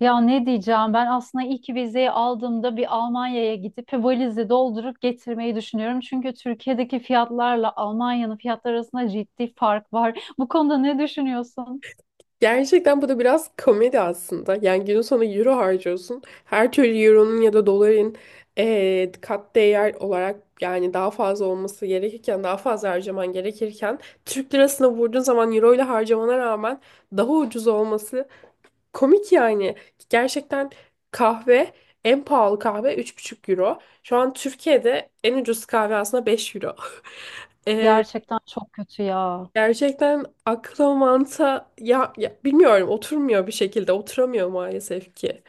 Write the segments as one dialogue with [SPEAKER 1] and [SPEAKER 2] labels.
[SPEAKER 1] Ya ne diyeceğim, ben aslında ilk vizeyi aldığımda bir Almanya'ya gidip valizi doldurup getirmeyi düşünüyorum. Çünkü Türkiye'deki fiyatlarla Almanya'nın fiyatları arasında ciddi fark var. Bu konuda ne düşünüyorsun?
[SPEAKER 2] Gerçekten bu da biraz komedi aslında. Yani günün sonu euro harcıyorsun. Her türlü euronun ya da doların kat değer olarak, yani daha fazla olması gerekirken, daha fazla harcaman gerekirken Türk lirasına vurduğun zaman euro ile harcamana rağmen daha ucuz olması komik yani. Gerçekten kahve, en pahalı kahve 3,5 euro. Şu an Türkiye'de en ucuz kahve aslında 5 euro.
[SPEAKER 1] Gerçekten çok kötü ya.
[SPEAKER 2] Gerçekten akla mantığa, ya bilmiyorum, oturmuyor bir şekilde, oturamıyor maalesef ki.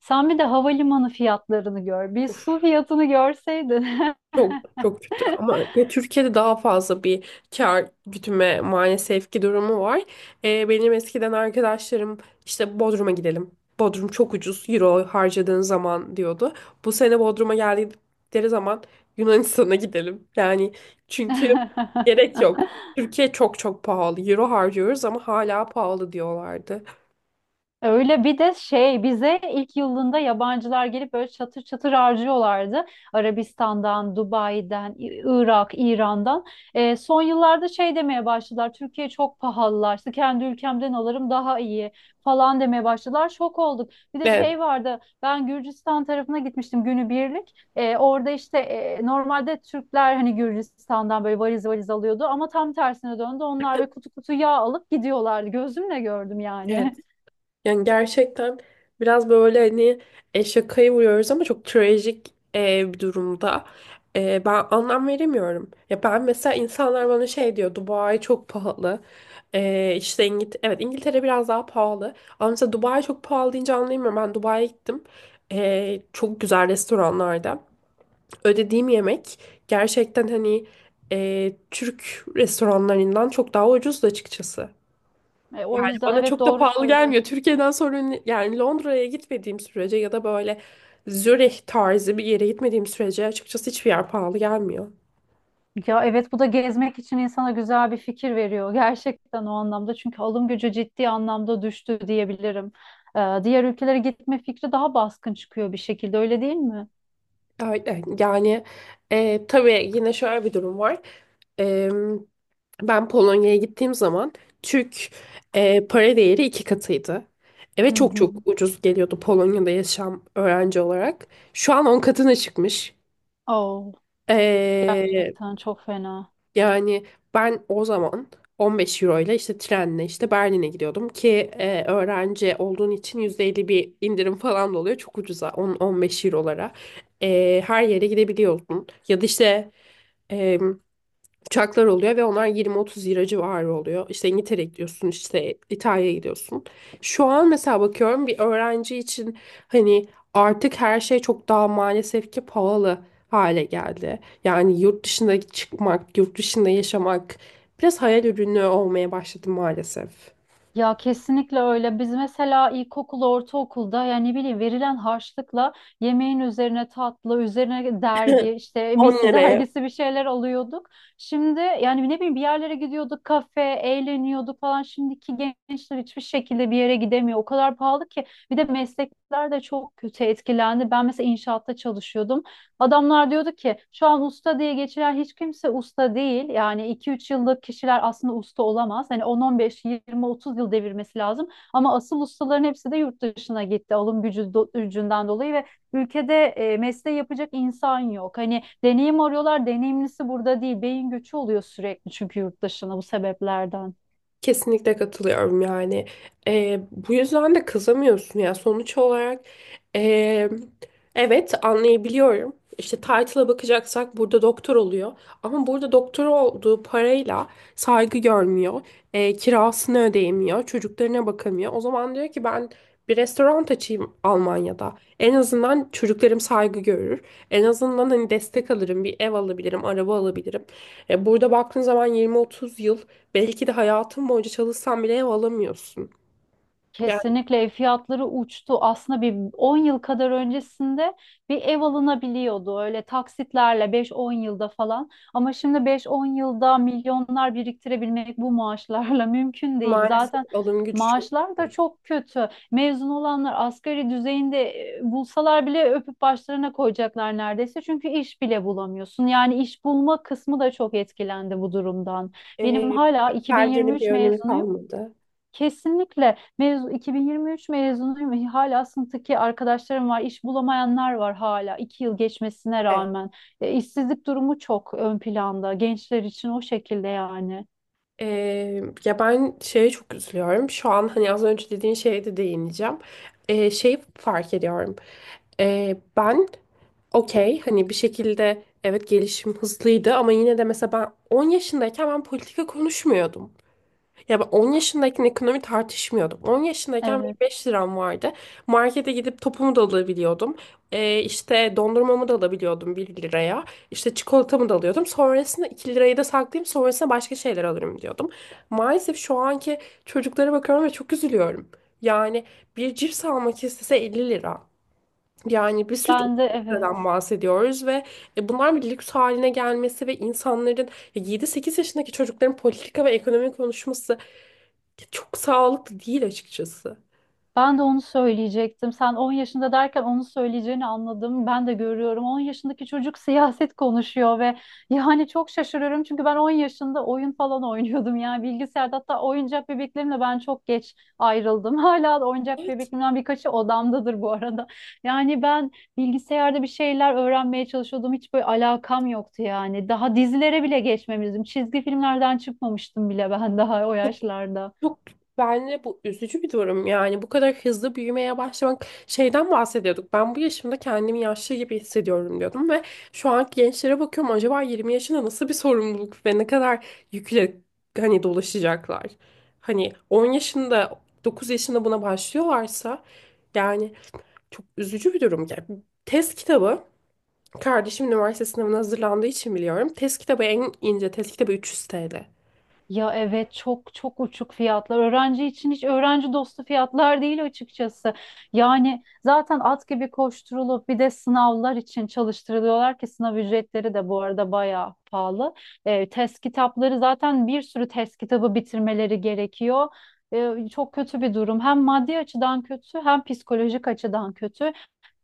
[SPEAKER 1] Sen bir de havalimanı fiyatlarını gör. Bir
[SPEAKER 2] Of,
[SPEAKER 1] su fiyatını görseydin.
[SPEAKER 2] çok çok kötü ama ya Türkiye'de daha fazla bir kar gütme maalesef ki durumu var. Benim eskiden arkadaşlarım işte Bodrum'a gidelim, Bodrum çok ucuz euro harcadığın zaman diyordu. Bu sene Bodrum'a geldikleri zaman Yunanistan'a gidelim, yani çünkü gerek yok. Türkiye çok çok pahalı, euro harcıyoruz ama hala pahalı diyorlardı.
[SPEAKER 1] Öyle, bir de şey bize ilk yılında yabancılar gelip böyle çatır çatır harcıyorlardı. Arabistan'dan, Dubai'den, Irak, İran'dan. Son yıllarda şey demeye başladılar. Türkiye çok pahalılaştı. Kendi ülkemden alırım daha iyi falan demeye başladılar. Şok olduk. Bir de
[SPEAKER 2] Evet.
[SPEAKER 1] şey vardı. Ben Gürcistan tarafına gitmiştim günübirlik. Orada işte normalde Türkler hani Gürcistan'dan böyle valiz valiz alıyordu ama tam tersine döndü. Onlar ve kutu kutu yağ alıp gidiyorlardı. Gözümle gördüm
[SPEAKER 2] Evet.
[SPEAKER 1] yani.
[SPEAKER 2] Yani gerçekten biraz böyle hani şakayı vuruyoruz ama çok trajik bir durumda. Ben anlam veremiyorum. Ya ben mesela, insanlar bana şey diyor, Dubai çok pahalı. İşte evet, İngiltere biraz daha pahalı. Ama mesela Dubai çok pahalı deyince anlayamıyorum. Ben Dubai'ye gittim. Çok güzel restoranlarda ödediğim yemek gerçekten hani Türk restoranlarından çok daha ucuzdu açıkçası.
[SPEAKER 1] O yüzden
[SPEAKER 2] Bana
[SPEAKER 1] evet,
[SPEAKER 2] çok da
[SPEAKER 1] doğru
[SPEAKER 2] pahalı
[SPEAKER 1] söylüyorsun.
[SPEAKER 2] gelmiyor Türkiye'den sonra. Yani Londra'ya gitmediğim sürece ya da böyle Zürih tarzı bir yere gitmediğim sürece açıkçası hiçbir yer pahalı gelmiyor.
[SPEAKER 1] Ya evet, bu da gezmek için insana güzel bir fikir veriyor. Gerçekten o anlamda, çünkü alım gücü ciddi anlamda düştü diyebilirim. Diğer ülkelere gitme fikri daha baskın çıkıyor bir şekilde, öyle değil mi?
[SPEAKER 2] Öyle. Yani tabii yine şöyle bir durum var. E, ben Polonya'ya gittiğim zaman Türk para değeri 2 katıydı.
[SPEAKER 1] Hı
[SPEAKER 2] Evet, çok
[SPEAKER 1] hı.
[SPEAKER 2] çok ucuz geliyordu Polonya'da yaşam, öğrenci olarak. Şu an 10 katına çıkmış.
[SPEAKER 1] Oh,
[SPEAKER 2] E,
[SPEAKER 1] gerçekten çok fena.
[SPEAKER 2] Yani ben o zaman 15 euro ile işte trenle işte Berlin'e gidiyordum ki öğrenci olduğun için %50 bir indirim falan da oluyor. Çok ucuza 10-15 eurolara her yere gidebiliyorsun. Ya da işte uçaklar oluyor ve onlar 20-30 lira civarı oluyor. İşte İngiltere'ye gidiyorsun, işte İtalya'ya gidiyorsun. Şu an mesela bakıyorum, bir öğrenci için hani artık her şey çok daha maalesef ki pahalı hale geldi. Yani yurt dışında çıkmak, yurt dışında yaşamak biraz hayal ürünü olmaya başladı maalesef.
[SPEAKER 1] Ya kesinlikle öyle. Biz mesela ilkokul, ortaokulda yani ne bileyim verilen harçlıkla yemeğin üzerine tatlı, üzerine dergi, işte
[SPEAKER 2] On
[SPEAKER 1] misi
[SPEAKER 2] liraya.
[SPEAKER 1] dergisi bir şeyler alıyorduk. Şimdi yani ne bileyim bir yerlere gidiyorduk, kafe, eğleniyorduk falan. Şimdiki gençler hiçbir şekilde bir yere gidemiyor. O kadar pahalı ki. Bir de meslekler de çok kötü etkilendi. Ben mesela inşaatta çalışıyordum. Adamlar diyordu ki şu an usta diye geçiren hiç kimse usta değil. Yani iki üç yıllık kişiler aslında usta olamaz. Hani on on beş yirmi otuz yıl devirmesi lazım. Ama asıl ustaların hepsi de yurt dışına gitti alım gücü gücünden dolayı ve ülkede mesleği yapacak insan yok. Hani deneyim arıyorlar, deneyimlisi burada değil. Beyin göçü oluyor sürekli çünkü yurt dışına, bu sebeplerden.
[SPEAKER 2] Kesinlikle katılıyorum yani. Bu yüzden de kızamıyorsun ya. Sonuç olarak ee, evet, anlayabiliyorum. İşte title'a bakacaksak burada doktor oluyor. Ama burada doktor olduğu parayla saygı görmüyor. Kirasını ödeyemiyor, çocuklarına bakamıyor. O zaman diyor ki, ben bir restoran açayım Almanya'da. En azından çocuklarım saygı görür. En azından hani destek alırım, bir ev alabilirim, araba alabilirim. Burada baktığın zaman 20-30 yıl, belki de hayatın boyunca çalışsan bile ev alamıyorsun. Yani
[SPEAKER 1] Kesinlikle, ev fiyatları uçtu. Aslında bir 10 yıl kadar öncesinde bir ev alınabiliyordu öyle taksitlerle beş on yılda falan. Ama şimdi beş on yılda milyonlar biriktirebilmek bu maaşlarla mümkün değil.
[SPEAKER 2] maalesef
[SPEAKER 1] Zaten
[SPEAKER 2] alım gücü çok
[SPEAKER 1] maaşlar da
[SPEAKER 2] kötü.
[SPEAKER 1] çok kötü. Mezun olanlar asgari düzeyinde bulsalar bile öpüp başlarına koyacaklar neredeyse. Çünkü iş bile bulamıyorsun. Yani iş bulma kısmı da çok etkilendi bu durumdan. Benim
[SPEAKER 2] Ee,
[SPEAKER 1] hala
[SPEAKER 2] belgenin
[SPEAKER 1] 2023
[SPEAKER 2] bir önemi
[SPEAKER 1] mezunuyum.
[SPEAKER 2] kalmadı.
[SPEAKER 1] Kesinlikle mezun, 2023 mezunuyum. Hala sınıftaki arkadaşlarım var, iş bulamayanlar var hala, iki yıl geçmesine
[SPEAKER 2] Evet.
[SPEAKER 1] rağmen. İşsizlik durumu çok ön planda gençler için, o şekilde yani.
[SPEAKER 2] Ya ben şeye çok üzülüyorum. Şu an hani az önce dediğin şeye de değineceğim. Şeyi fark ediyorum. Ben okey hani bir şekilde, evet, gelişim hızlıydı ama yine de mesela ben 10 yaşındayken ben politika konuşmuyordum. Ya ben 10 yaşındayken ekonomi tartışmıyordum. 10 yaşındayken benim
[SPEAKER 1] Evet.
[SPEAKER 2] 5 liram vardı. Markete gidip topumu da alabiliyordum. İşte dondurmamı da alabiliyordum 1 liraya. İşte çikolatamı da alıyordum. Sonrasında 2 lirayı da saklayayım, sonrasında başka şeyler alırım diyordum. Maalesef şu anki çocuklara bakıyorum ve çok üzülüyorum. Yani bir cips almak istese 50 lira. Yani bir süt 30
[SPEAKER 1] Ben de evet.
[SPEAKER 2] liradan bahsediyoruz ve bunlar bir lüks haline gelmesi ve insanların, ya 7-8 yaşındaki çocukların politika ve ekonomi konuşması çok sağlıklı değil açıkçası.
[SPEAKER 1] Ben de onu söyleyecektim. Sen 10 yaşında derken onu söyleyeceğini anladım. Ben de görüyorum. 10 yaşındaki çocuk siyaset konuşuyor ve yani çok şaşırıyorum. Çünkü ben 10 yaşında oyun falan oynuyordum. Yani bilgisayarda, hatta oyuncak bebeklerimle ben çok geç ayrıldım. Hala da oyuncak
[SPEAKER 2] Evet.
[SPEAKER 1] bebeklerimden birkaçı odamdadır bu arada. Yani ben bilgisayarda bir şeyler öğrenmeye çalışıyordum. Hiç böyle alakam yoktu yani. Daha dizilere bile geçmemiştim. Çizgi filmlerden çıkmamıştım bile ben daha o yaşlarda.
[SPEAKER 2] Çok, bence bu üzücü bir durum. Yani bu kadar hızlı büyümeye başlamak, şeyden bahsediyorduk, ben bu yaşımda kendimi yaşlı gibi hissediyorum diyordum ve şu anki gençlere bakıyorum, acaba 20 yaşında nasıl bir sorumluluk ve ne kadar yükle hani dolaşacaklar. Hani 10 yaşında 9 yaşında buna başlıyorlarsa, yani çok üzücü bir durum. Yani test kitabı, kardeşim üniversite sınavına hazırlandığı için biliyorum, test kitabı, en ince test kitabı 300 TL.
[SPEAKER 1] Ya evet, çok çok uçuk fiyatlar. Öğrenci için hiç öğrenci dostu fiyatlar değil açıkçası. Yani zaten at gibi koşturulup bir de sınavlar için çalıştırılıyorlar ki sınav ücretleri de bu arada bayağı pahalı. Test kitapları zaten, bir sürü test kitabı bitirmeleri gerekiyor. Çok kötü bir durum. Hem maddi açıdan kötü, hem psikolojik açıdan kötü.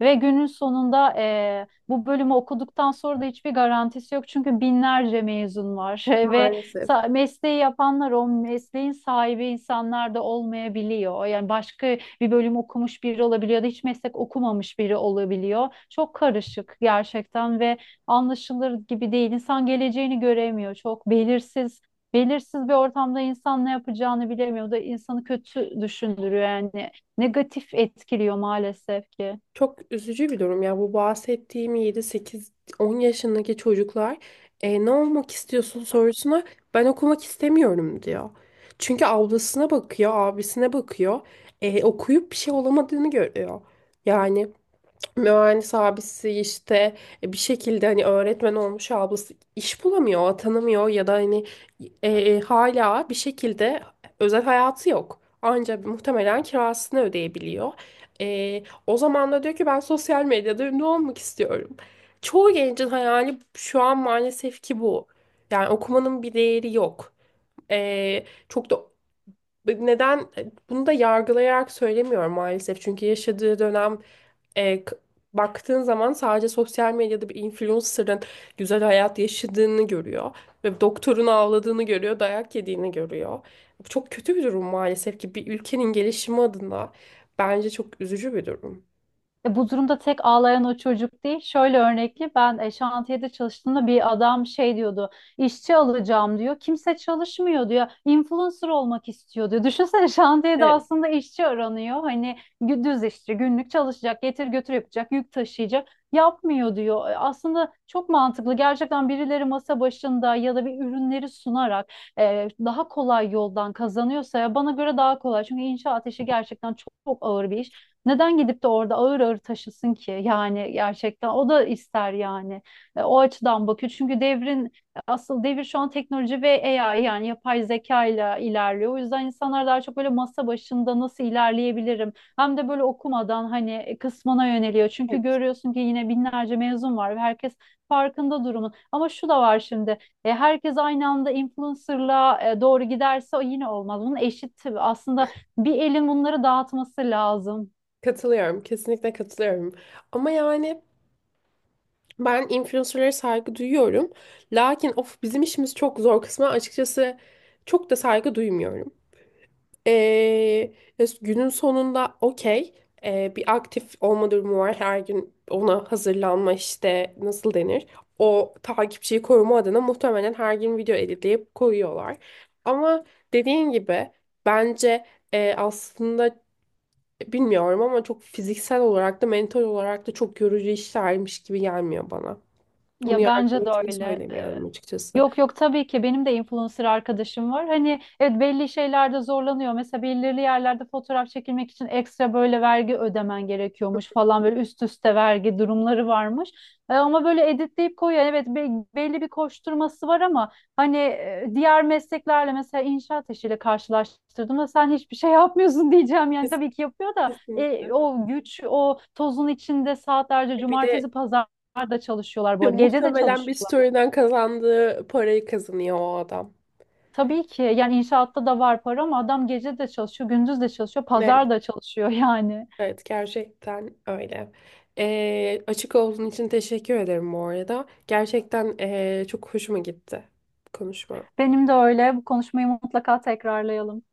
[SPEAKER 1] Ve günün sonunda bu bölümü okuduktan sonra da hiçbir garantisi yok. Çünkü binlerce mezun var ve
[SPEAKER 2] Maalesef.
[SPEAKER 1] mesleği yapanlar o mesleğin sahibi insanlar da olmayabiliyor. Yani başka bir bölüm okumuş biri olabiliyor da hiç meslek okumamış biri olabiliyor. Çok karışık gerçekten ve anlaşılır gibi değil. İnsan geleceğini göremiyor. Çok belirsiz. Belirsiz bir ortamda insan ne yapacağını bilemiyor. O da insanı kötü düşündürüyor yani. Negatif etkiliyor maalesef ki.
[SPEAKER 2] Çok üzücü bir durum ya. Bu bahsettiğim 7 8 10 yaşındaki çocuklar, ne olmak istiyorsun?" sorusuna, "ben okumak istemiyorum" diyor. Çünkü ablasına bakıyor, abisine bakıyor. Okuyup bir şey olamadığını görüyor. Yani mühendis abisi işte bir şekilde, hani öğretmen olmuş ablası iş bulamıyor, atanamıyor ya da hani hala bir şekilde özel hayatı yok, ancak muhtemelen kirasını ödeyebiliyor. O zaman da diyor ki, ben sosyal medyada ünlü olmak istiyorum. Çoğu gencin hayali şu an maalesef ki bu. Yani okumanın bir değeri yok. Çok da neden, bunu da yargılayarak söylemiyorum maalesef. Çünkü yaşadığı dönem e, k- baktığın zaman sadece sosyal medyada bir influencer'ın güzel hayat yaşadığını görüyor ve doktorun ağladığını görüyor, dayak yediğini görüyor. Bu çok kötü bir durum maalesef ki, bir ülkenin gelişimi adına bence çok üzücü bir durum.
[SPEAKER 1] Bu durumda tek ağlayan o çocuk değil. Şöyle örnekli, ben şantiyede çalıştığımda bir adam şey diyordu. İşçi alacağım diyor. Kimse çalışmıyor diyor. Influencer olmak istiyor diyor. Düşünsene, şantiyede
[SPEAKER 2] Evet,
[SPEAKER 1] aslında işçi aranıyor. Hani düz işçi, günlük çalışacak, getir götür yapacak, yük taşıyacak. Yapmıyor diyor. E, aslında çok mantıklı. Gerçekten birileri masa başında ya da bir ürünleri sunarak daha kolay yoldan kazanıyorsa, ya bana göre daha kolay. Çünkü inşaat işi gerçekten çok, çok ağır bir iş. Neden gidip de orada ağır ağır taşısın ki? Yani gerçekten o da ister yani. O açıdan bakıyor. Çünkü devrin asıl devir şu an teknoloji ve AI, yani yapay zeka ile ilerliyor. O yüzden insanlar daha çok böyle masa başında nasıl ilerleyebilirim? Hem de böyle okumadan hani kısmına yöneliyor. Çünkü
[SPEAKER 2] evet.
[SPEAKER 1] görüyorsun ki yine binlerce mezun var ve herkes farkında durumun. Ama şu da var şimdi. E, herkes aynı anda influencer'la doğru giderse o yine olmaz. Bunun eşit aslında, bir elin bunları dağıtması lazım.
[SPEAKER 2] Katılıyorum, kesinlikle katılıyorum. Ama yani ben influencer'lara saygı duyuyorum. Lakin, of, bizim işimiz çok zor kısmı açıkçası, çok da saygı duymuyorum. Ee, ya günün sonunda okey, bir aktif olma durumu var. Her gün ona hazırlanma, işte nasıl denir, o takipçiyi koruma adına muhtemelen her gün video editleyip koyuyorlar. Ama dediğin gibi bence aslında bilmiyorum ama çok fiziksel olarak da mental olarak da çok yorucu işlermiş gibi gelmiyor bana. Bunu
[SPEAKER 1] Ya bence de
[SPEAKER 2] yargılamak için
[SPEAKER 1] öyle.
[SPEAKER 2] söylemiyorum açıkçası.
[SPEAKER 1] Yok yok, tabii ki benim de influencer arkadaşım var. Hani evet, belli şeylerde zorlanıyor. Mesela belirli yerlerde fotoğraf çekilmek için ekstra böyle vergi ödemen gerekiyormuş falan, böyle üst üste vergi durumları varmış. E, ama böyle editleyip koyuyor. Yani evet, belli bir koşturması var ama hani diğer mesleklerle, mesela inşaat işiyle karşılaştırdığımda sen hiçbir şey yapmıyorsun diyeceğim. Yani
[SPEAKER 2] Kes-
[SPEAKER 1] tabii ki yapıyor da
[SPEAKER 2] Kesinlikle.
[SPEAKER 1] o güç, o tozun içinde saatlerce
[SPEAKER 2] Bir de
[SPEAKER 1] cumartesi pazar da çalışıyorlar bu arada. Gece de
[SPEAKER 2] muhtemelen bir
[SPEAKER 1] çalışıyorlar.
[SPEAKER 2] story'den kazandığı parayı kazanıyor o adam.
[SPEAKER 1] Tabii ki yani inşaatta da var para, ama adam gece de çalışıyor, gündüz de çalışıyor,
[SPEAKER 2] Evet,
[SPEAKER 1] pazar da çalışıyor yani.
[SPEAKER 2] evet, gerçekten öyle. Açık olduğun için teşekkür ederim bu arada. Gerçekten çok hoşuma gitti konuşma.
[SPEAKER 1] Benim de öyle. Bu konuşmayı mutlaka tekrarlayalım.